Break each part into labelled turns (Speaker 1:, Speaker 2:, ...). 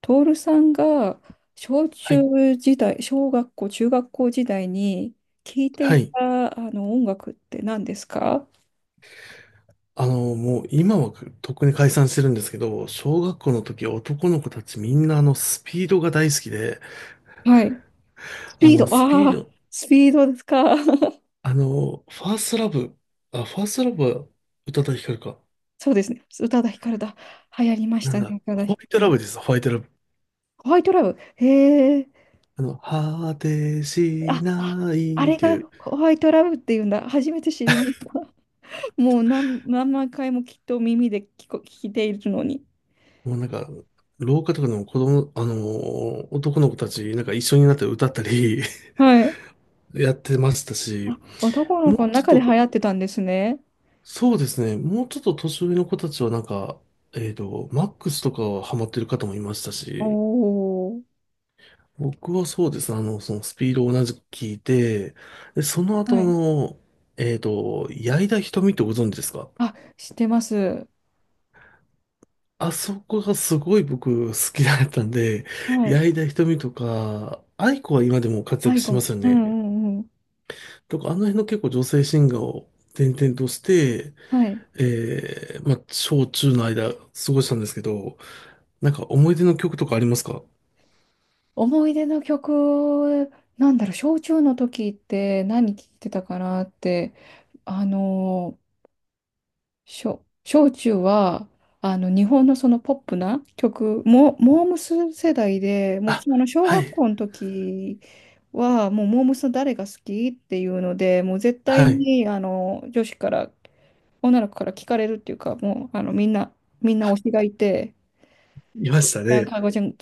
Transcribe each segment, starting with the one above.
Speaker 1: トールさんが小
Speaker 2: はい。
Speaker 1: 中時代、小学校、中学校時代に聴いて
Speaker 2: は
Speaker 1: い
Speaker 2: い。
Speaker 1: たあの音楽って何ですか？
Speaker 2: もう今はとっくに解散してるんですけど、小学校の時男の子たちみんなあのスピードが大好きで、
Speaker 1: はい。ス
Speaker 2: あ
Speaker 1: ピー
Speaker 2: の
Speaker 1: ド、
Speaker 2: スピ
Speaker 1: あ
Speaker 2: ー
Speaker 1: あ、
Speaker 2: ド、
Speaker 1: スピードですか。
Speaker 2: ファーストラブ、あ、ファーストラブは宇多田ヒカルか。
Speaker 1: そうですね。宇多田ヒカルだ。流行りまし
Speaker 2: なん
Speaker 1: たね、
Speaker 2: だ、
Speaker 1: 宇多田
Speaker 2: ホ
Speaker 1: ヒ
Speaker 2: ワ
Speaker 1: カ
Speaker 2: イ
Speaker 1: ル
Speaker 2: トラ
Speaker 1: も。
Speaker 2: ブです、ホワイトラブ。
Speaker 1: ホワイトラブ。へえ。
Speaker 2: 果てし
Speaker 1: あ、あ、
Speaker 2: な
Speaker 1: あ
Speaker 2: いっ
Speaker 1: れ
Speaker 2: て
Speaker 1: が
Speaker 2: いう、
Speaker 1: ホワイトラブっていうんだ。初めて知りました。もう何、何万回もきっと耳で聞いているのに。
Speaker 2: もうなんか、廊下とかでも子供、男の子たちなんか一緒になって歌ったり
Speaker 1: はい。
Speaker 2: やってましたし、
Speaker 1: あ、男の
Speaker 2: もう
Speaker 1: 子の
Speaker 2: ちょっ
Speaker 1: 中で流
Speaker 2: と
Speaker 1: 行ってたんですね。
Speaker 2: そうですね。もうちょっと年上の子たちはなんか、マックスとかはハマってる方もいましたし、
Speaker 1: おー。
Speaker 2: 僕はそうですね。そのスピードを同じく聞いて、で、その後
Speaker 1: はい。
Speaker 2: 矢井田瞳ってご存知ですか？
Speaker 1: あ、知ってます。
Speaker 2: あそこがすごい僕好きだったんで、
Speaker 1: はい。
Speaker 2: 矢井田瞳とか、愛子は今でも活
Speaker 1: ア
Speaker 2: 躍
Speaker 1: イゴ
Speaker 2: しま
Speaker 1: ン。
Speaker 2: すよ
Speaker 1: うん
Speaker 2: ね。
Speaker 1: うんうん。
Speaker 2: とか、あの辺の結構女性シンガーを転々として、
Speaker 1: はい。
Speaker 2: まあ、小中の間過ごしたんですけど、なんか思い出の曲とかありますか？
Speaker 1: 思い出の曲、なんだろう、小中の時って何聴いてたかなって、あのー、小中は、日本のそのポップな曲、モームス世代で、もう
Speaker 2: あ、
Speaker 1: その小
Speaker 2: は
Speaker 1: 学
Speaker 2: い、
Speaker 1: 校の時は、もうモームス誰が好きっていうので、もう絶対
Speaker 2: はい、
Speaker 1: に、女子から女の子から聞かれるっていうか、もう、みんな、みんな推しがいて、
Speaker 2: いました
Speaker 1: なんか、
Speaker 2: ね。
Speaker 1: かごちゃん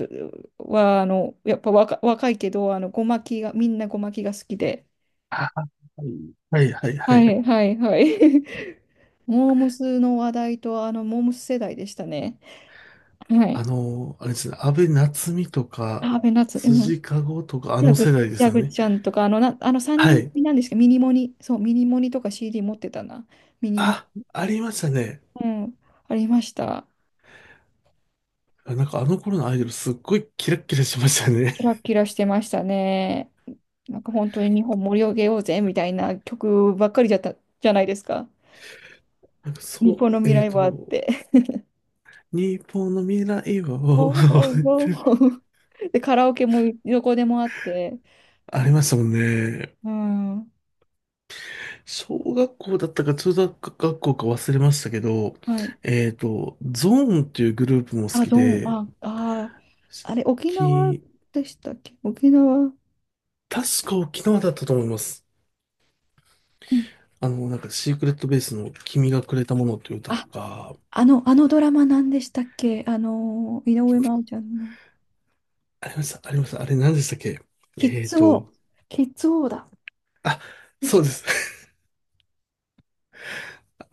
Speaker 1: は、やっぱ若いけど、ごまきが、みんなごまきが好きで。
Speaker 2: あ、はい、はい、は
Speaker 1: は
Speaker 2: い。
Speaker 1: いはいはい。モームスの話題と、モームス世代でしたね。はい。
Speaker 2: あれですね、安倍夏実とか、
Speaker 1: あー、ベナツ、うん。
Speaker 2: 辻かごとか、あ
Speaker 1: ジャ
Speaker 2: の
Speaker 1: グ、
Speaker 2: 世代です
Speaker 1: ヤ
Speaker 2: よ
Speaker 1: グ
Speaker 2: ね。
Speaker 1: ちゃんとか、あの3
Speaker 2: は
Speaker 1: 人
Speaker 2: い。
Speaker 1: 組なんですけど、ミニモニ、そう、ミニモニとか CD 持ってたな。ミニモ
Speaker 2: あ、
Speaker 1: ニ、
Speaker 2: ありましたね。
Speaker 1: うん、ありました。
Speaker 2: あ、なんかあの頃のアイドルすっごいキラッキラしましたね。
Speaker 1: キラキラしてましたね。なんか本当に日本盛り上げようぜみたいな曲ばっかりじゃったじゃないですか。
Speaker 2: なんか
Speaker 1: 日
Speaker 2: そ
Speaker 1: 本の
Speaker 2: う、
Speaker 1: 未来はあって。
Speaker 2: 日本の未来
Speaker 1: わ
Speaker 2: を
Speaker 1: うわうわ うわうで、カラオケもどこでもあって。
Speaker 2: あり
Speaker 1: あ、
Speaker 2: ましたもんね。
Speaker 1: うん。
Speaker 2: 小学校だったか中学学校か忘れましたけど、
Speaker 1: はい。
Speaker 2: ゾーンっていうグループも好
Speaker 1: あ、
Speaker 2: き
Speaker 1: どん、
Speaker 2: で、
Speaker 1: あ、あー、あれ、沖縄
Speaker 2: き、
Speaker 1: でしたっけ沖縄。
Speaker 2: 確か沖縄だったと思います。
Speaker 1: うん。
Speaker 2: なんかシークレットベースの君がくれたものっていう歌と
Speaker 1: あ、
Speaker 2: か、
Speaker 1: あのドラマ何でしたっけ井上真央ちゃんの。
Speaker 2: ありました、ありました。あれ何でしたっけ？
Speaker 1: キッ
Speaker 2: えっ
Speaker 1: ズ王。
Speaker 2: と、
Speaker 1: キッズ王だ。キッ
Speaker 2: そうで
Speaker 1: ズ
Speaker 2: す。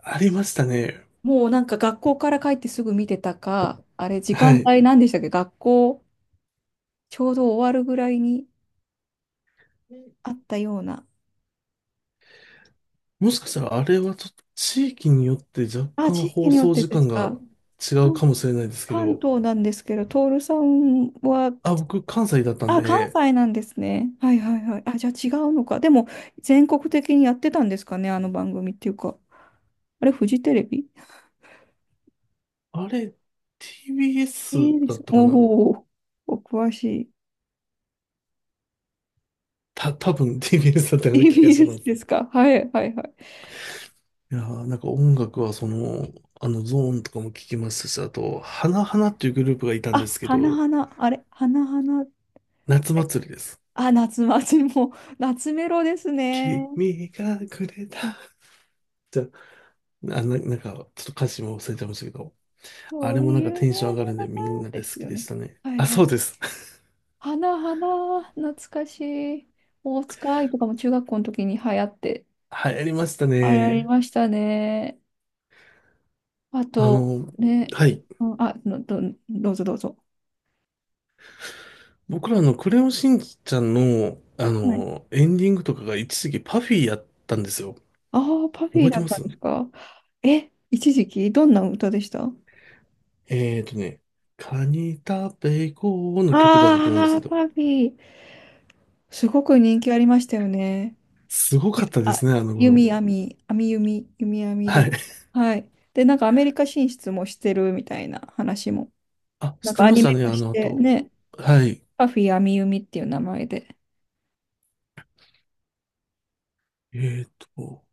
Speaker 2: ありましたね。
Speaker 1: もうなんか学校から帰ってすぐ見てたか、あれ時
Speaker 2: は
Speaker 1: 間
Speaker 2: い。
Speaker 1: 帯何でしたっけ学校ちょうど終わるぐらいにあったような。
Speaker 2: もしかしたらあれはちょっと地域によって若
Speaker 1: あ、
Speaker 2: 干
Speaker 1: 地域
Speaker 2: 放
Speaker 1: によっ
Speaker 2: 送
Speaker 1: て
Speaker 2: 時
Speaker 1: です
Speaker 2: 間が
Speaker 1: か。
Speaker 2: 違う
Speaker 1: 関、
Speaker 2: かもしれないですけ
Speaker 1: 関
Speaker 2: ど、
Speaker 1: 東なんですけど、徹さんは、
Speaker 2: あ、僕関西だったん
Speaker 1: あ、関
Speaker 2: で、
Speaker 1: 西なんですね。はいはいはい。あ、じゃあ違うのか。でも全国的にやってたんですかね、あの番組っていうか。あれ、フジテレビ
Speaker 2: あれ TBS
Speaker 1: えで
Speaker 2: だ
Speaker 1: す。
Speaker 2: ったかな。
Speaker 1: おお、お詳しい。
Speaker 2: 多分 TBS だった ような気がしま
Speaker 1: TBS
Speaker 2: す。
Speaker 1: ですか。はいはいはい。
Speaker 2: いやーなんか音楽はその、あのゾーンとかも聞きましたし、あと、花々っていうグループがいたんで
Speaker 1: あ、
Speaker 2: すけ
Speaker 1: 花
Speaker 2: ど、
Speaker 1: 々、あれ、花々。
Speaker 2: 夏祭りです。
Speaker 1: あ、夏祭りも、夏メロですね。
Speaker 2: 君がくれた。じゃあ、なんか、ちょっと歌詞も忘れちゃいましたけど、あ
Speaker 1: そ
Speaker 2: れ
Speaker 1: う
Speaker 2: もなん
Speaker 1: い
Speaker 2: か
Speaker 1: う
Speaker 2: テンション
Speaker 1: ね、
Speaker 2: 上が
Speaker 1: の
Speaker 2: るんで
Speaker 1: 中
Speaker 2: みんな
Speaker 1: で
Speaker 2: で好
Speaker 1: す
Speaker 2: き
Speaker 1: よ
Speaker 2: で
Speaker 1: ね。
Speaker 2: したね。
Speaker 1: はい
Speaker 2: あ、
Speaker 1: は
Speaker 2: そう
Speaker 1: い。
Speaker 2: です。
Speaker 1: 花花、懐かしい。大塚愛とかも中学校の時に流行って、
Speaker 2: 流行りました
Speaker 1: あれあり
Speaker 2: ね。
Speaker 1: ましたね。あ
Speaker 2: あ
Speaker 1: と、
Speaker 2: の、
Speaker 1: ね、
Speaker 2: はい。
Speaker 1: うん、あ、のど、どうぞどうぞ。
Speaker 2: 僕らのクレヨンしんちゃんの、
Speaker 1: はい。
Speaker 2: エンディングとかが一時期パフィーやったんですよ。
Speaker 1: ああ、パフィ
Speaker 2: 覚
Speaker 1: ー
Speaker 2: えて
Speaker 1: だっ
Speaker 2: ま
Speaker 1: たん
Speaker 2: す？
Speaker 1: ですか。え、一時期、どんな歌でしたあ
Speaker 2: えーとね、カニ食べ行こうの曲だったと思うんです
Speaker 1: あー、
Speaker 2: けど、
Speaker 1: パフィー。すごく人気ありましたよね。
Speaker 2: すご
Speaker 1: ゆ
Speaker 2: かったで
Speaker 1: あ、
Speaker 2: すね、あの頃。
Speaker 1: 弓網、網弓、弓網で。
Speaker 2: はい。
Speaker 1: はい。で、なんかアメリカ進出もしてるみたいな話も。
Speaker 2: あ、
Speaker 1: な
Speaker 2: 知
Speaker 1: ん
Speaker 2: って
Speaker 1: かア
Speaker 2: まし
Speaker 1: ニ
Speaker 2: た
Speaker 1: メ
Speaker 2: ね、
Speaker 1: 化
Speaker 2: あ
Speaker 1: し
Speaker 2: の
Speaker 1: て
Speaker 2: 後。
Speaker 1: ね、
Speaker 2: はい。
Speaker 1: パフィー網弓っていう名前で。
Speaker 2: えーと、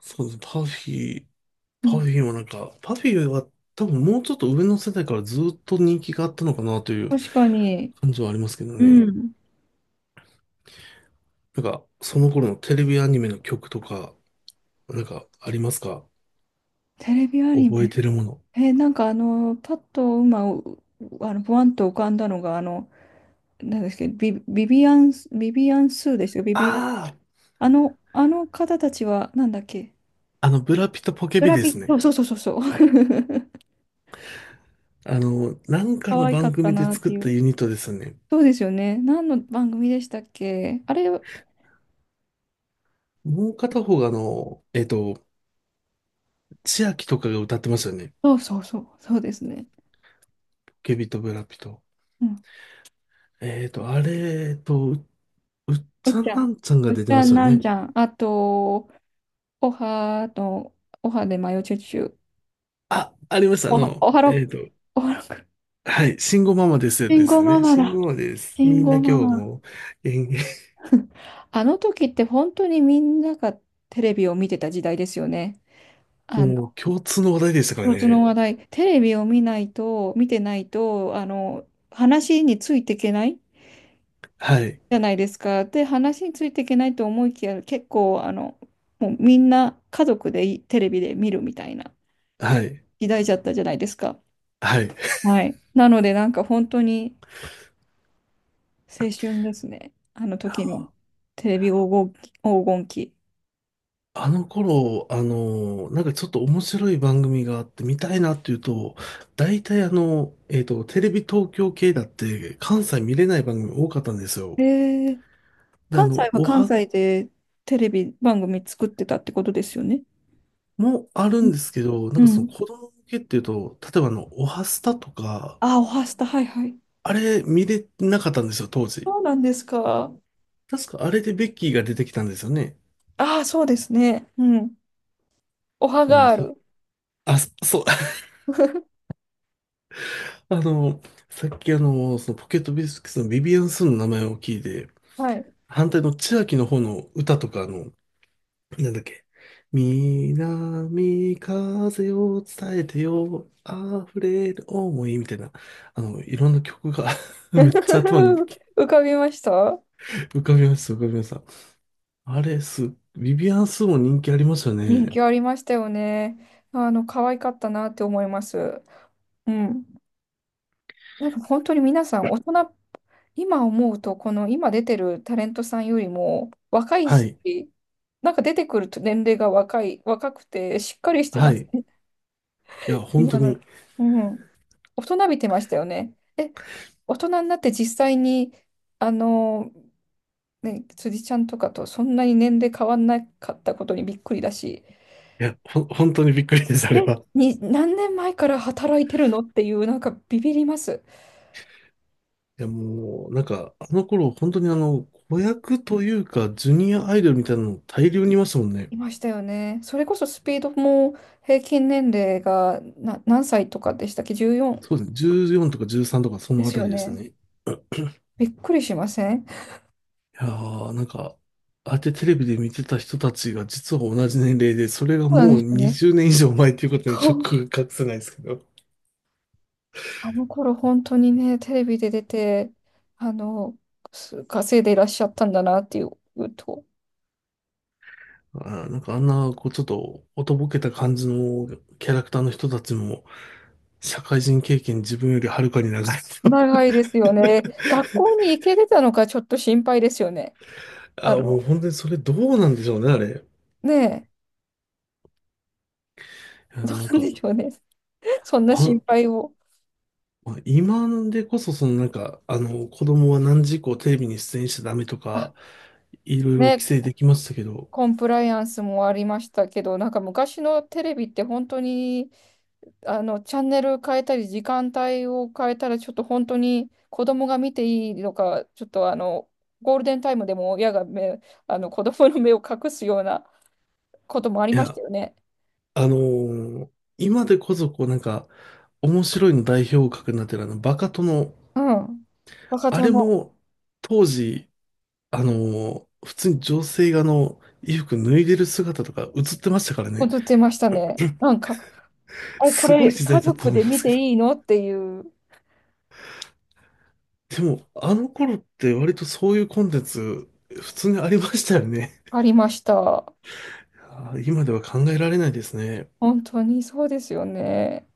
Speaker 2: そうですね、パフィー、
Speaker 1: う
Speaker 2: パ
Speaker 1: ん、
Speaker 2: フィーもなんか、パフィーは多分もうちょっと上の世代からずっと人気があったのかなという
Speaker 1: 確かに、
Speaker 2: 感じはありますけど
Speaker 1: う
Speaker 2: ね。
Speaker 1: ん。
Speaker 2: なんか、その頃のテレビアニメの曲とか、なんか、ありますか？
Speaker 1: テレビアニ
Speaker 2: 覚え
Speaker 1: メ。
Speaker 2: てるもの。
Speaker 1: なんかあの、パッと今、うあの、ブワンと浮かんだのが、あの、なんですけど、ビビアンスーですよ、ビビアン。
Speaker 2: あ
Speaker 1: あの、あの方たちは、なんだっけ、
Speaker 2: あ、ブラピとポケ
Speaker 1: ブ
Speaker 2: ビ
Speaker 1: ラ
Speaker 2: で
Speaker 1: ピ、
Speaker 2: す
Speaker 1: そ
Speaker 2: ね。
Speaker 1: うそうそうそう。そう
Speaker 2: なんか
Speaker 1: 可
Speaker 2: の
Speaker 1: 愛か
Speaker 2: 番
Speaker 1: った
Speaker 2: 組で
Speaker 1: なっ
Speaker 2: 作
Speaker 1: て
Speaker 2: っ
Speaker 1: い
Speaker 2: た
Speaker 1: う。
Speaker 2: ユニットですよね。
Speaker 1: そうですよね。何の番組でしたっけあれ、そ
Speaker 2: もう片方が千秋とかが歌ってましたよね。
Speaker 1: うそうそう、そうですね。
Speaker 2: ポケビとブラピと。
Speaker 1: うん。
Speaker 2: あれ、うっ
Speaker 1: お
Speaker 2: ち
Speaker 1: っ
Speaker 2: ゃ
Speaker 1: ち
Speaker 2: ん
Speaker 1: ゃ
Speaker 2: な
Speaker 1: ん。
Speaker 2: んちゃんが
Speaker 1: おっち
Speaker 2: 出てま
Speaker 1: ゃ
Speaker 2: し
Speaker 1: ん、
Speaker 2: たよ
Speaker 1: なん
Speaker 2: ね。
Speaker 1: ちゃん。あと、おはと、おはでマヨチュチュ。
Speaker 2: あ、ありました。
Speaker 1: おは、おはろく。おはろく。
Speaker 2: はい、慎吾ママですで
Speaker 1: 慎吾
Speaker 2: す
Speaker 1: マ
Speaker 2: ね。
Speaker 1: マ
Speaker 2: 慎
Speaker 1: だ。
Speaker 2: 吾ママです。
Speaker 1: 慎
Speaker 2: みんな
Speaker 1: 吾
Speaker 2: 今日
Speaker 1: ママ。
Speaker 2: も、えー
Speaker 1: あの時って本当にみんながテレビを見てた時代ですよね。あの、
Speaker 2: もう共通の話題でしたから
Speaker 1: 共通の
Speaker 2: ね。
Speaker 1: 話題、テレビを見ないと、見てないと、話についていけない
Speaker 2: はい。
Speaker 1: じゃないですか。で、話についていけないと思いきや、結構、あの、もうみんな家族でいテレビで見るみたいな
Speaker 2: はい。
Speaker 1: 時代じゃったじゃないですか。
Speaker 2: はい。
Speaker 1: はい。なので、なんか本当に青春ですね。あの時の
Speaker 2: あ、
Speaker 1: テレビ黄金期。黄金期。
Speaker 2: あの頃、なんかちょっと面白い番組があって見たいなっていうと、大体テレビ東京系だって関西見れない番組多かったんですよ。
Speaker 1: えー、
Speaker 2: で、
Speaker 1: 関西は
Speaker 2: お
Speaker 1: 関
Speaker 2: は
Speaker 1: 西でテレビ番組作ってたってことですよね。
Speaker 2: もある
Speaker 1: うん
Speaker 2: んですけど、なん
Speaker 1: う
Speaker 2: かその
Speaker 1: ん。
Speaker 2: 子供向けっていうと、例えばおはスタとか、
Speaker 1: あ、おはスタ、はいはい。
Speaker 2: あれ見れなかったんですよ、当時。
Speaker 1: そうなんですか。
Speaker 2: 確かあれでベッキーが出てきたんですよね。
Speaker 1: ああ、そうですね。うん。おは
Speaker 2: あ、でも
Speaker 1: ガール。
Speaker 2: そう、あの、さっきそのポケットビスケッツのビビアン・スンの名前を聞いて、
Speaker 1: はい。
Speaker 2: 反対の千秋の方の歌とか、なんだっけ。南風を伝えてよ、溢れる思いみたいな、いろんな曲が めっちゃ頭に
Speaker 1: 浮かびましたう
Speaker 2: 浮かびました、浮かびました。あれ、ビビアン・スンも人気ありました
Speaker 1: 人ん。
Speaker 2: ね。
Speaker 1: 気ありましたよね。あの、可愛かったなって思います。うん。なんか本当に皆さん、大人、今思うと、この今出てるタレントさんよりも若い
Speaker 2: は
Speaker 1: し、
Speaker 2: い、
Speaker 1: なんか出てくると年齢が若くて、しっかりして
Speaker 2: は
Speaker 1: ま
Speaker 2: い。
Speaker 1: す
Speaker 2: い
Speaker 1: ね。
Speaker 2: や、本当
Speaker 1: 今
Speaker 2: に、い
Speaker 1: の、うん。大人びてましたよね。え、大人になって実際に、あの、ね、辻ちゃんとかとそんなに年齢変わんなかったことにびっくりだし。
Speaker 2: や、本当にびっくりです、あれ
Speaker 1: え、
Speaker 2: は。
Speaker 1: に、何年前から働いてるのっていう、なんかビビります。
Speaker 2: いやもう、なんか、あの頃、本当に子役というか、ジュニアアイドルみたいなの大量にいましたもんね。
Speaker 1: いましたよね。それこそスピードも平均年齢がな、何歳とかでしたっけ？ 14
Speaker 2: そうですね。14とか13とか、そ
Speaker 1: で
Speaker 2: のあ
Speaker 1: す
Speaker 2: た
Speaker 1: よ
Speaker 2: りです
Speaker 1: ね。
Speaker 2: ね。い
Speaker 1: びっくりしません
Speaker 2: やー、なんか、ああやってテレビで見てた人たちが、実は同じ年齢で、それが
Speaker 1: そうなん
Speaker 2: も
Speaker 1: で
Speaker 2: う
Speaker 1: すよね。
Speaker 2: 20年以上前っていうことに
Speaker 1: そ
Speaker 2: ショッ
Speaker 1: う
Speaker 2: クが隠せないですけど。
Speaker 1: あの頃本当にね、テレビで出て、あの、す稼いでいらっしゃったんだなっていうと、
Speaker 2: あなんかあんな、こう、ちょっと、おとぼけた感じのキャラクターの人たちも、社会人経験自分よりはるかに長い人。
Speaker 1: 長いですよね。学校に行けてたのかちょっと心配ですよね。あ
Speaker 2: もう
Speaker 1: の、
Speaker 2: 本当にそれどうなんでしょうね、あれ。
Speaker 1: ねえ、
Speaker 2: いや
Speaker 1: どう
Speaker 2: なん
Speaker 1: なん
Speaker 2: か、
Speaker 1: でしょうね。そんな心
Speaker 2: あ、
Speaker 1: 配を。
Speaker 2: まあ今でこそ、そのなんか、子供は何時以降テレビに出演しちゃダメとか、いろいろ規
Speaker 1: ね、
Speaker 2: 制できましたけど、
Speaker 1: コンプライアンスもありましたけど、なんか昔のテレビって本当に、チャンネル変えたり、時間帯を変えたら、ちょっと本当に子供が見ていいのか、ちょっとあの、ゴールデンタイムでも親が目、子供の目を隠すようなこともあり
Speaker 2: い
Speaker 1: ました
Speaker 2: や、
Speaker 1: よね。
Speaker 2: あのー今でこそ、こうなんか、面白いの代表格になってるあの、バカ殿、
Speaker 1: うん。若
Speaker 2: あれ
Speaker 1: 殿、
Speaker 2: も、当時、普通に女性が衣服脱いでる姿とか映ってましたからね、
Speaker 1: 映ってましたね。なんか、あれ、こ
Speaker 2: すご
Speaker 1: れ
Speaker 2: い時
Speaker 1: 家
Speaker 2: 代だったと
Speaker 1: 族
Speaker 2: 思い
Speaker 1: で
Speaker 2: ま
Speaker 1: 見
Speaker 2: すけ
Speaker 1: て
Speaker 2: ど。
Speaker 1: いいのっていう、
Speaker 2: でも、あの頃って割とそういうコンテンツ、普通にありましたよね。
Speaker 1: ありました。
Speaker 2: 今では考えられないですね。
Speaker 1: 本当にそうですよね。